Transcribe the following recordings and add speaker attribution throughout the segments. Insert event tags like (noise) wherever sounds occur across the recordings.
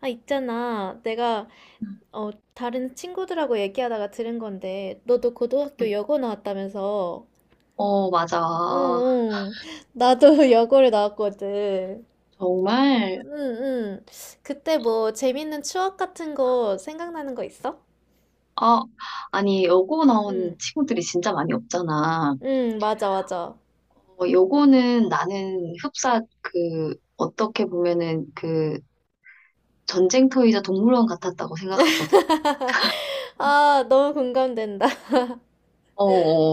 Speaker 1: 아, 있잖아. 내가, 다른 친구들하고 얘기하다가 들은 건데, 너도 고등학교 여고 나왔다면서.
Speaker 2: 어, 맞아.
Speaker 1: 응, 응. 나도 (laughs) 여고를 나왔거든.
Speaker 2: 정말,
Speaker 1: 응, 응. 그때 뭐, 재밌는 추억 같은 거 생각나는 거 있어?
Speaker 2: 아, 아니, 여고
Speaker 1: 응,
Speaker 2: 나온 친구들이 진짜 많이 없잖아.
Speaker 1: 응, 맞아, 맞아.
Speaker 2: 어, 여고는 나는 흡사, 그, 어떻게 보면은 그 전쟁터이자 동물원 같았다고 생각하거든.
Speaker 1: 아, 너무 공감된다. (laughs)
Speaker 2: 어,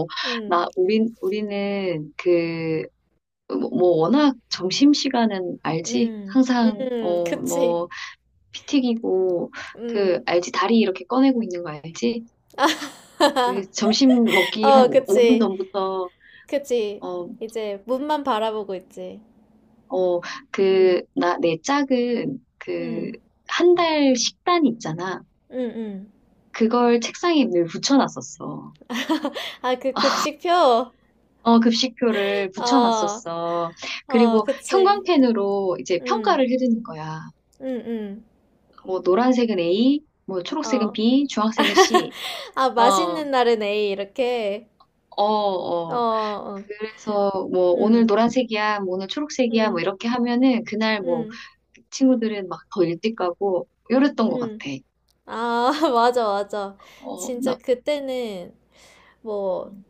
Speaker 2: 어,
Speaker 1: 응,
Speaker 2: 나, 우리는 그, 뭐 워낙 점심시간은 알지?
Speaker 1: 응,
Speaker 2: 항상,
Speaker 1: 응,
Speaker 2: 어,
Speaker 1: 그치.
Speaker 2: 뭐, 피 튀기고, 그,
Speaker 1: 응.
Speaker 2: 알지? 다리 이렇게 꺼내고 있는 거 알지? 그 점심
Speaker 1: (laughs)
Speaker 2: 먹기 한
Speaker 1: 어,
Speaker 2: 5분
Speaker 1: 그치.
Speaker 2: 전부터
Speaker 1: 그치.
Speaker 2: 어,
Speaker 1: 이제, 문만 바라보고 있지.
Speaker 2: 어,
Speaker 1: 응,
Speaker 2: 그, 나, 내 짝은 그,
Speaker 1: 응.
Speaker 2: 한 달 식단 있잖아.
Speaker 1: 응, 응.
Speaker 2: 그걸 책상에 늘 붙여놨었어.
Speaker 1: 아, 그 급식표?
Speaker 2: 어, 급식표를
Speaker 1: 어,
Speaker 2: 붙여놨었어.
Speaker 1: 어,
Speaker 2: 그리고
Speaker 1: 그치.
Speaker 2: 형광펜으로 이제
Speaker 1: 응,
Speaker 2: 평가를 해주는 거야.
Speaker 1: 응, 응.
Speaker 2: 뭐, 노란색은 A, 뭐, 초록색은
Speaker 1: 어.
Speaker 2: B, 주황색은 C.
Speaker 1: 아,
Speaker 2: 어,
Speaker 1: 맛있는 날은 A, 이렇게.
Speaker 2: 어,
Speaker 1: 어,
Speaker 2: 어.
Speaker 1: 어.
Speaker 2: 그래서 뭐, 오늘
Speaker 1: 응,
Speaker 2: 노란색이야, 뭐, 오늘 초록색이야, 뭐,
Speaker 1: 응,
Speaker 2: 이렇게 하면은 그날 뭐,
Speaker 1: 응,
Speaker 2: 친구들은 막 더 일찍 가고, 이랬던 것 같아.
Speaker 1: 응. 아, (laughs) 맞아, 맞아.
Speaker 2: 어,
Speaker 1: 진짜
Speaker 2: 나,
Speaker 1: 그때는 뭐,
Speaker 2: 음.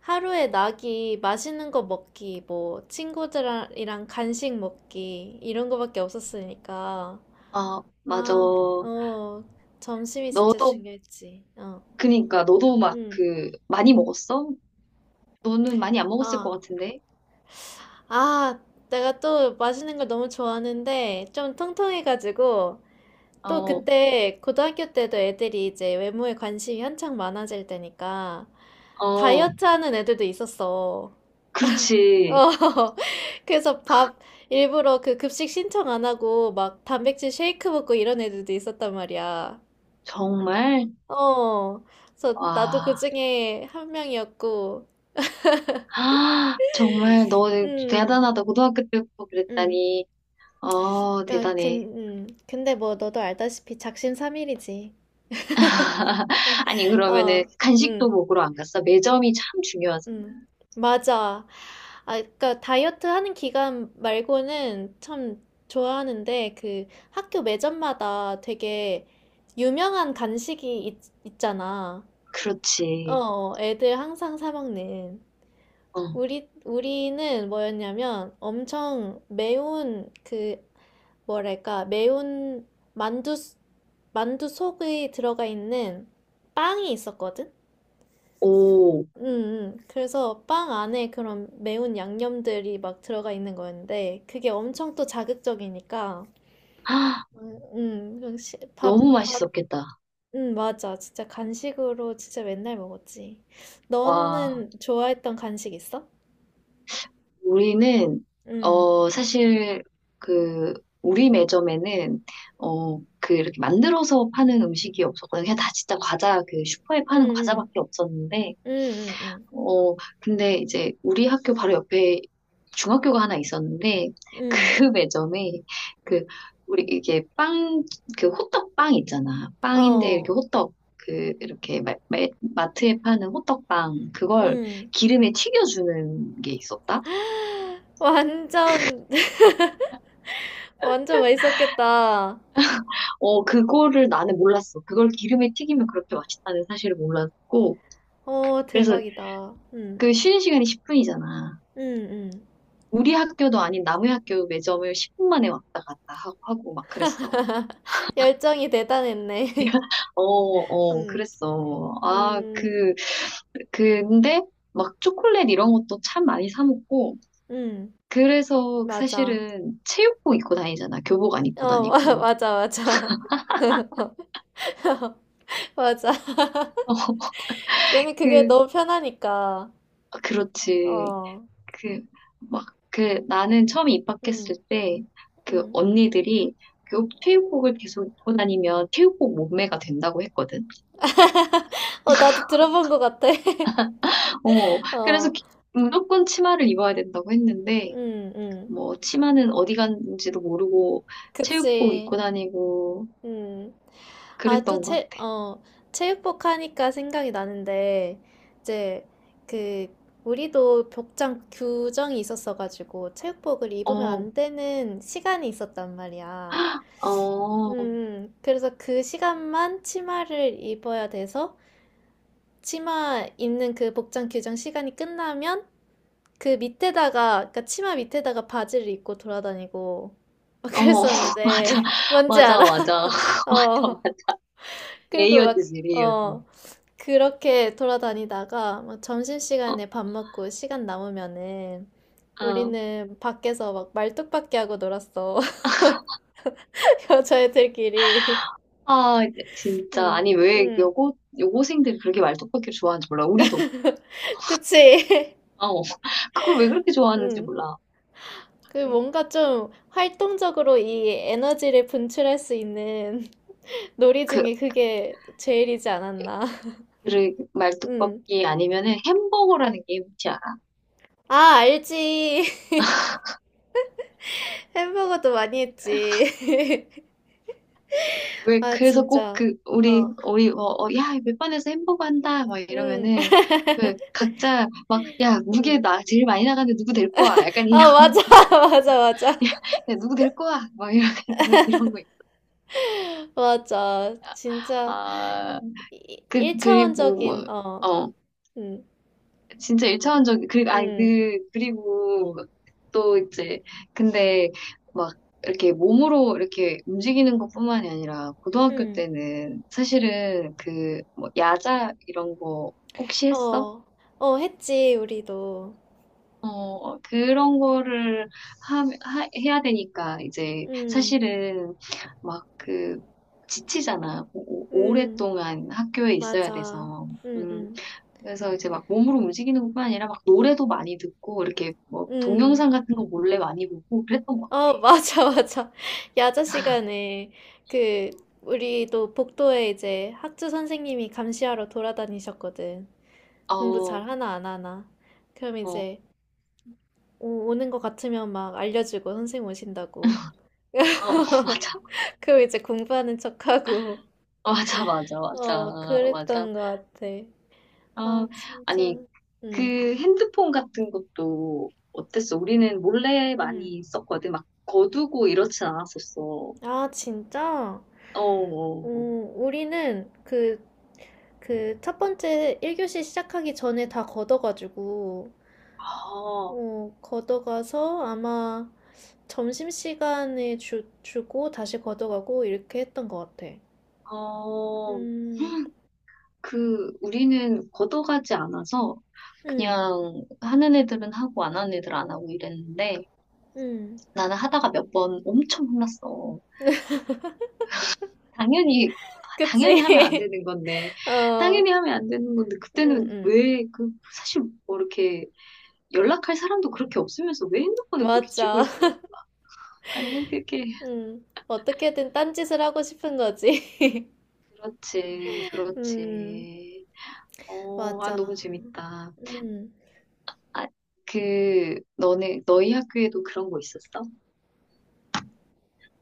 Speaker 1: 하루에 낙이 맛있는 거 먹기, 뭐, 친구들이랑 간식 먹기, 이런 거밖에 없었으니까.
Speaker 2: 아, 맞아.
Speaker 1: 아, 어, 점심이 진짜
Speaker 2: 너도,
Speaker 1: 중요했지. 어.
Speaker 2: 그니까, 너도 막
Speaker 1: 응.
Speaker 2: 그, 많이 먹었어? 너는 많이 안 먹었을 것
Speaker 1: 아,
Speaker 2: 같은데?
Speaker 1: 아, 내가 또 맛있는 걸 너무 좋아하는데 좀 통통해가지고 또
Speaker 2: 어,
Speaker 1: 그때 고등학교 때도 애들이 이제 외모에 관심이 한창 많아질 때니까
Speaker 2: 어,
Speaker 1: 다이어트 하는 애들도 있었어.
Speaker 2: 그렇지.
Speaker 1: 어, (laughs) 그래서 밥 일부러 그 급식 신청 안 하고 막 단백질 쉐이크 먹고 이런 애들도 있었단 말이야.
Speaker 2: 정말?
Speaker 1: 어, 그래서 나도 그
Speaker 2: 와,
Speaker 1: 중에 한 명이었고,
Speaker 2: (gasps) 아, 정말 너는
Speaker 1: 음,
Speaker 2: 대단하다. 고등학교 때부터
Speaker 1: 음.
Speaker 2: 그랬다니. 어, 대단해.
Speaker 1: 근데 뭐 너도 알다시피 작심삼일이지. (laughs)
Speaker 2: 아니, 그러면은
Speaker 1: 어,
Speaker 2: 간식도
Speaker 1: 응,
Speaker 2: 먹으러 안 갔어? 매점이 참 중요하잖아.
Speaker 1: 응. 맞아. 아, 그러니까 다이어트 하는 기간 말고는 참 좋아하는데 그 학교 매점마다 되게 유명한 간식이 있잖아. 어,
Speaker 2: 그렇지.
Speaker 1: 어, 애들 항상 사 먹는.
Speaker 2: 어,
Speaker 1: 우리는 뭐였냐면 엄청 매운 그 뭐랄까, 매운 만두, 만두 속에 들어가 있는 빵이 있었거든?
Speaker 2: 오,
Speaker 1: 응,
Speaker 2: (gasps)
Speaker 1: 응, 그래서 빵 안에 그런 매운 양념들이 막 들어가 있는 거였는데, 그게 엄청 또 자극적이니까,
Speaker 2: 아,
Speaker 1: 응, 그냥
Speaker 2: 너무
Speaker 1: 밥,
Speaker 2: 맛있었겠다.
Speaker 1: 응. 맞아. 진짜 간식으로 진짜 맨날 먹었지.
Speaker 2: 와.
Speaker 1: 너는 좋아했던 간식 있어?
Speaker 2: 우리는
Speaker 1: 응,
Speaker 2: 어 사실 그 우리 매점에는 어 그 이렇게 만들어서 파는 음식이 없었거든요. 그냥 다 진짜 과자 그 슈퍼에
Speaker 1: 응,
Speaker 2: 파는
Speaker 1: 응,
Speaker 2: 과자밖에 없었는데
Speaker 1: 응, 응, 응,
Speaker 2: 어 근데 이제 우리 학교 바로 옆에 중학교가 하나 있었는데 그
Speaker 1: 응,
Speaker 2: (laughs) 매점에 그 우리 이게 빵 그 호떡 빵 있잖아. 빵인데 이렇게
Speaker 1: 어,
Speaker 2: 호떡 그 이렇게 마트에 파는 호떡 빵 그걸
Speaker 1: 응.
Speaker 2: 기름에 튀겨주는 게 있었다.
Speaker 1: 완전 어, 완전 맛있었겠다.
Speaker 2: 어, 그거를 나는 몰랐어. 그걸 기름에 튀기면 그렇게 맛있다는 사실을 몰랐고.
Speaker 1: 오,
Speaker 2: 그래서
Speaker 1: 대박이다. 응,
Speaker 2: 그 쉬는 시간이 10분이잖아.
Speaker 1: 응, 응.
Speaker 2: 우리 학교도 아닌 남의 학교 매점을 10분 만에 왔다 갔다 하고 막 그랬어.
Speaker 1: (laughs) 열정이 대단했네.
Speaker 2: (laughs) 어,
Speaker 1: (laughs)
Speaker 2: 어,
Speaker 1: 응.
Speaker 2: 그랬어. 아,
Speaker 1: 음,
Speaker 2: 그, 근데 막 초콜릿 이런 것도 참 많이 사 먹고.
Speaker 1: 응.
Speaker 2: 그래서
Speaker 1: 맞아.
Speaker 2: 사실은 체육복 입고 다니잖아. 교복 안 입고
Speaker 1: 어, (laughs)
Speaker 2: 다니고.
Speaker 1: 맞아, 맞아. (laughs) 맞아. 괜히 그게
Speaker 2: 그,
Speaker 1: 너무 편하니까.
Speaker 2: 아, 그렇지.
Speaker 1: 어,
Speaker 2: 그, 막, 그, 나는 처음
Speaker 1: 응,
Speaker 2: 입학했을 때, 그
Speaker 1: 응.
Speaker 2: 언니들이 그 체육복을 계속 입고 다니면 체육복 몸매가 된다고 했거든.
Speaker 1: (laughs) 어, 나도 들어본 것 같아. (laughs)
Speaker 2: 어, 그래서
Speaker 1: 어,
Speaker 2: 무조건 치마를 입어야 된다고 했는데,
Speaker 1: 응응
Speaker 2: 뭐, 치마는 어디 갔는지도 모르고 체육복
Speaker 1: 그치.
Speaker 2: 입고 다니고
Speaker 1: 음. 아, 또
Speaker 2: 그랬던 것
Speaker 1: 체,
Speaker 2: 같아.
Speaker 1: 어, 체육복 하니까 생각이 나는데, 이제, 그, 우리도 복장 규정이 있었어가지고, 체육복을 입으면
Speaker 2: 어,
Speaker 1: 안 되는 시간이 있었단 말이야.
Speaker 2: 어,
Speaker 1: 그래서 그 시간만 치마를 입어야 돼서, 치마 입는 그 복장 규정 시간이 끝나면, 그 밑에다가, 그니까 치마 밑에다가 바지를 입고 돌아다니고, (laughs) 막
Speaker 2: 어, (laughs) 맞아,
Speaker 1: 그랬었는데, 뭔지
Speaker 2: 맞아,
Speaker 1: 알아?
Speaker 2: 맞아,
Speaker 1: (laughs)
Speaker 2: (laughs) 맞아,
Speaker 1: 어.
Speaker 2: 맞아.
Speaker 1: 그리고 막,
Speaker 2: 레이어드지, 레이어드.
Speaker 1: 어, 그렇게 돌아다니다가 막
Speaker 2: 어,
Speaker 1: 점심시간에 밥 먹고 시간 남으면은
Speaker 2: 어.
Speaker 1: 우리는 밖에서 막 말뚝박기 하고 놀았어. (laughs) 여자애들끼리.
Speaker 2: 아, 진짜.
Speaker 1: 응,
Speaker 2: 아니, 왜
Speaker 1: 응.
Speaker 2: 여고생들이 그렇게 말뚝박기를 좋아하는지 몰라. 우리도.
Speaker 1: 그치? (laughs)
Speaker 2: 어, 그걸 왜 그렇게 좋아하는지
Speaker 1: 응.
Speaker 2: 몰라.
Speaker 1: 그 뭔가 좀 활동적으로 이 에너지를 분출할 수 있는 (laughs) 놀이
Speaker 2: 그,
Speaker 1: 중에 그게 제일이지 않았나. (laughs)
Speaker 2: 그
Speaker 1: 응.
Speaker 2: 말뚝박기 아니면은 햄버거라는 게 뭔지 알아?
Speaker 1: 아, 알지. (laughs) 햄버거도 많이 했지. (laughs)
Speaker 2: 왜,
Speaker 1: 아,
Speaker 2: 그래서 꼭
Speaker 1: 진짜.
Speaker 2: 그, 우리,
Speaker 1: 어,
Speaker 2: 우리, 어, 어, 야, 몇 반에서 햄버거 한다. 막
Speaker 1: 응,
Speaker 2: 이러면은,
Speaker 1: (laughs)
Speaker 2: 그, 각자 막, 야, 무게
Speaker 1: 응.
Speaker 2: 나, 제일 많이 나가는데 누구 될 거야? 약간 이런,
Speaker 1: 아, 맞아, (laughs) 맞아, 맞아.
Speaker 2: (laughs) 야, 누구 될 거야? 막 이런, 이런 거 있어.
Speaker 1: 맞아. 진짜
Speaker 2: 아, 그, 그리고, 뭐,
Speaker 1: 1차원적인, 어,
Speaker 2: 어.
Speaker 1: 음,
Speaker 2: 진짜 일차원적이 그리고 아니
Speaker 1: 음,
Speaker 2: 그 그리고 또 이제 근데 막 이렇게 몸으로 이렇게 움직이는 것뿐만이 아니라 고등학교
Speaker 1: 음,
Speaker 2: 때는 사실은 그 뭐 야자 이런 거 혹시 했어?
Speaker 1: 어, 어, 했지, 우리도.
Speaker 2: 어 그런 거를 하, 해야 되니까 이제
Speaker 1: 음,
Speaker 2: 사실은 막 그 지치잖아. 오,
Speaker 1: 음,
Speaker 2: 오랫동안 학교에 있어야
Speaker 1: 맞아.
Speaker 2: 돼서.
Speaker 1: 음,
Speaker 2: 음.
Speaker 1: 음,
Speaker 2: 그래서 이제 막 몸으로 움직이는 것뿐 아니라 막 노래도 많이 듣고 이렇게 뭐
Speaker 1: 음.
Speaker 2: 동영상 같은 거 몰래 많이 보고 그랬던 것
Speaker 1: 어, (laughs) 맞아, 맞아. 야자 시간에 그,
Speaker 2: 같아요.
Speaker 1: 우리도 복도에 이제 학주 선생님이 감시하러 돌아다니셨거든. 공부
Speaker 2: 어,
Speaker 1: 잘 하나, 안 하나. 그럼
Speaker 2: 어, 어,
Speaker 1: 이제 오는 것 같으면 막 알려주고 선생님 오신다고.
Speaker 2: 어, (laughs) 맞아.
Speaker 1: 그리고 이제 공부하는 척하고
Speaker 2: 어, 맞아, 맞아,
Speaker 1: (laughs)
Speaker 2: 맞아,
Speaker 1: 어,
Speaker 2: 맞아.
Speaker 1: 그랬던 것 같아. 아,
Speaker 2: 어,
Speaker 1: 진짜.
Speaker 2: 아니,
Speaker 1: 음,
Speaker 2: 그 핸드폰 같은 것도 어땠어? 우리는 몰래
Speaker 1: 음.
Speaker 2: 많이 썼거든. 막 거두고 이렇진 않았었어. 어,
Speaker 1: 아, 진짜. 어,
Speaker 2: 어,
Speaker 1: 우리는 그 첫 번째 1교시 시작하기 전에 다 걷어가지고,
Speaker 2: 어.
Speaker 1: 어, 걷어가서 아마 점심시간에 주고 다시 걷어가고 이렇게 했던 것 같아.
Speaker 2: 아, 어.
Speaker 1: 음,
Speaker 2: 그 우리는 걷어가지 않아서
Speaker 1: 음,
Speaker 2: 그냥 하는 애들은 하고 안 하는 애들 안 하고 이랬는데
Speaker 1: 음.
Speaker 2: 나는 하다가 몇 번 엄청 혼났어. 당연히 아, 당연히 하면 안
Speaker 1: 그치?
Speaker 2: 되는 건데
Speaker 1: (laughs) 어, 음,
Speaker 2: 그때는
Speaker 1: 음.
Speaker 2: 왜 그 사실 뭐 이렇게 연락할 사람도 그렇게 없으면서 왜 핸드폰을 그렇게 쥐고
Speaker 1: 맞아.
Speaker 2: 있었나 보다 아니 뭐 그렇게
Speaker 1: 어떻게든 딴짓을 하고 싶은 거지.
Speaker 2: 그렇지
Speaker 1: (laughs) 음,
Speaker 2: 그렇지. 어, 아
Speaker 1: 맞아.
Speaker 2: 너무 재밌다.
Speaker 1: 음.
Speaker 2: 아, 그 너네 너희 학교에도 그런 거 있었어?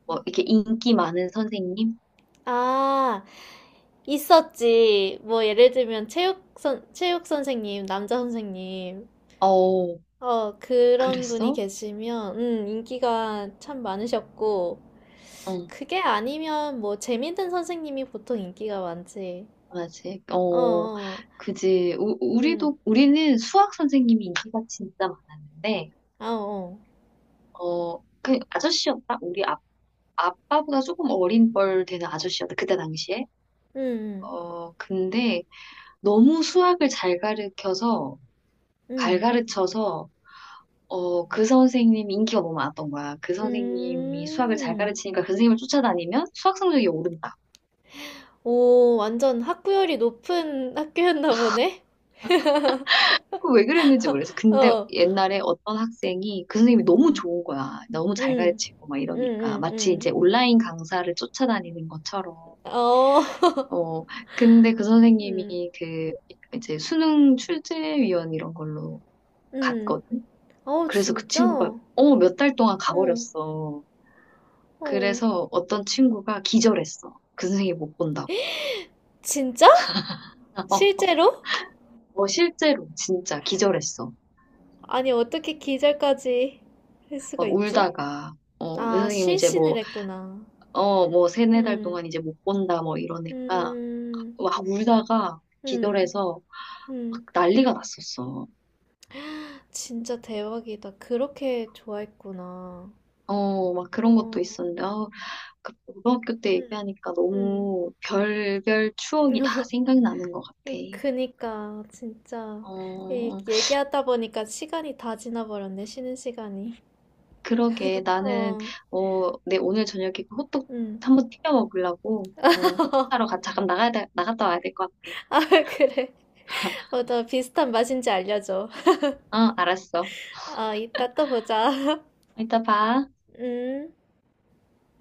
Speaker 2: 뭐 이렇게 인기 많은 선생님?
Speaker 1: 아, 있었지. 뭐, 예를 들면, 체육 선생님, 남자 선생님.
Speaker 2: 어,
Speaker 1: 어, 그런 분이
Speaker 2: 그랬어?
Speaker 1: 계시면, 인기가 참 많으셨고,
Speaker 2: 어,
Speaker 1: 그게 아니면, 뭐, 재밌는 선생님이 보통 인기가 많지.
Speaker 2: 맞지.
Speaker 1: 어,
Speaker 2: 어,
Speaker 1: 어,
Speaker 2: 그지. 우,
Speaker 1: 음,
Speaker 2: 우리도 우리는 수학 선생님이 인기가 진짜 많았는데,
Speaker 1: 아, 어,
Speaker 2: 어, 그 아저씨였다. 우리 아빠보다 조금 어린 뻘 되는 아저씨였다. 그때 당시에.
Speaker 1: 음,
Speaker 2: 어, 근데 너무 수학을 잘 가르쳐서 잘
Speaker 1: 음,
Speaker 2: 가르쳐서 어, 그 선생님이 인기가 너무 많았던 거야. 그
Speaker 1: 음.
Speaker 2: 선생님이 수학을 잘
Speaker 1: 음.
Speaker 2: 가르치니까 그 선생님을 쫓아다니면 수학 성적이 오른다.
Speaker 1: 오, 완전 학구열이 높은 (laughs) 학교였나 보네?
Speaker 2: 그 왜 그랬는지 모르겠어. 근데
Speaker 1: 어,
Speaker 2: 옛날에 어떤 학생이 그 선생님이 너무
Speaker 1: 음,
Speaker 2: 좋은 거야. 너무 잘
Speaker 1: 음,
Speaker 2: 가르치고 막
Speaker 1: 음,
Speaker 2: 이러니까.
Speaker 1: 음,
Speaker 2: 마치 이제
Speaker 1: 음.
Speaker 2: 온라인 강사를 쫓아다니는 것처럼.
Speaker 1: 어,
Speaker 2: 어, 근데 그
Speaker 1: 음,
Speaker 2: 선생님이 그 이제 수능 출제위원 이런 걸로
Speaker 1: 음.
Speaker 2: 갔거든.
Speaker 1: 어,
Speaker 2: 그래서 그
Speaker 1: 진짜?
Speaker 2: 친구가
Speaker 1: 어,
Speaker 2: 어, 몇 달 동안 가버렸어.
Speaker 1: 어.
Speaker 2: 그래서 어떤 친구가 기절했어. 그 선생님 못 본다고.
Speaker 1: 진짜?
Speaker 2: (laughs)
Speaker 1: 실제로?
Speaker 2: 어, 실제로 진짜 기절했어.
Speaker 1: 아니, 어떻게 기절까지 할 수가
Speaker 2: 막
Speaker 1: 있지?
Speaker 2: 울다가. 어, 그
Speaker 1: 아,
Speaker 2: 선생님이 이제
Speaker 1: 실신을
Speaker 2: 뭐
Speaker 1: 했구나.
Speaker 2: 어, 뭐, 세네 달
Speaker 1: 음,
Speaker 2: 동안 이제 못 본다, 뭐, 이러니까,
Speaker 1: 음,
Speaker 2: 막 울다가
Speaker 1: 음,
Speaker 2: 기절해서 막
Speaker 1: 음.
Speaker 2: 난리가 났었어.
Speaker 1: 진짜 대박이다. 그렇게 좋아했구나.
Speaker 2: 어, 막 그런 것도
Speaker 1: 어,
Speaker 2: 있었는데, 아, 그 고등학교 때
Speaker 1: 음,
Speaker 2: 얘기하니까
Speaker 1: 음.
Speaker 2: 너무 별별 추억이 다
Speaker 1: (laughs)
Speaker 2: 생각나는 것 같아.
Speaker 1: 그니까 진짜 이
Speaker 2: 어,
Speaker 1: 얘기하다 보니까 시간이 다 지나버렸네, 쉬는 시간이.
Speaker 2: 그러게. 나는,
Speaker 1: 어.
Speaker 2: 어, 내 오늘 저녁에 그 호떡
Speaker 1: 음.
Speaker 2: 한번 튀겨 먹으려고, 어, 호떡 사러
Speaker 1: (laughs)
Speaker 2: 가, 잠깐 나가야 돼, 나갔다 와야 될 것
Speaker 1: 아, 그래. 어, 너 비슷한 맛인지 알려줘.
Speaker 2: 같아. 어, 알았어.
Speaker 1: 아, 이따 또 보자.
Speaker 2: 이따 봐.
Speaker 1: (laughs) 음.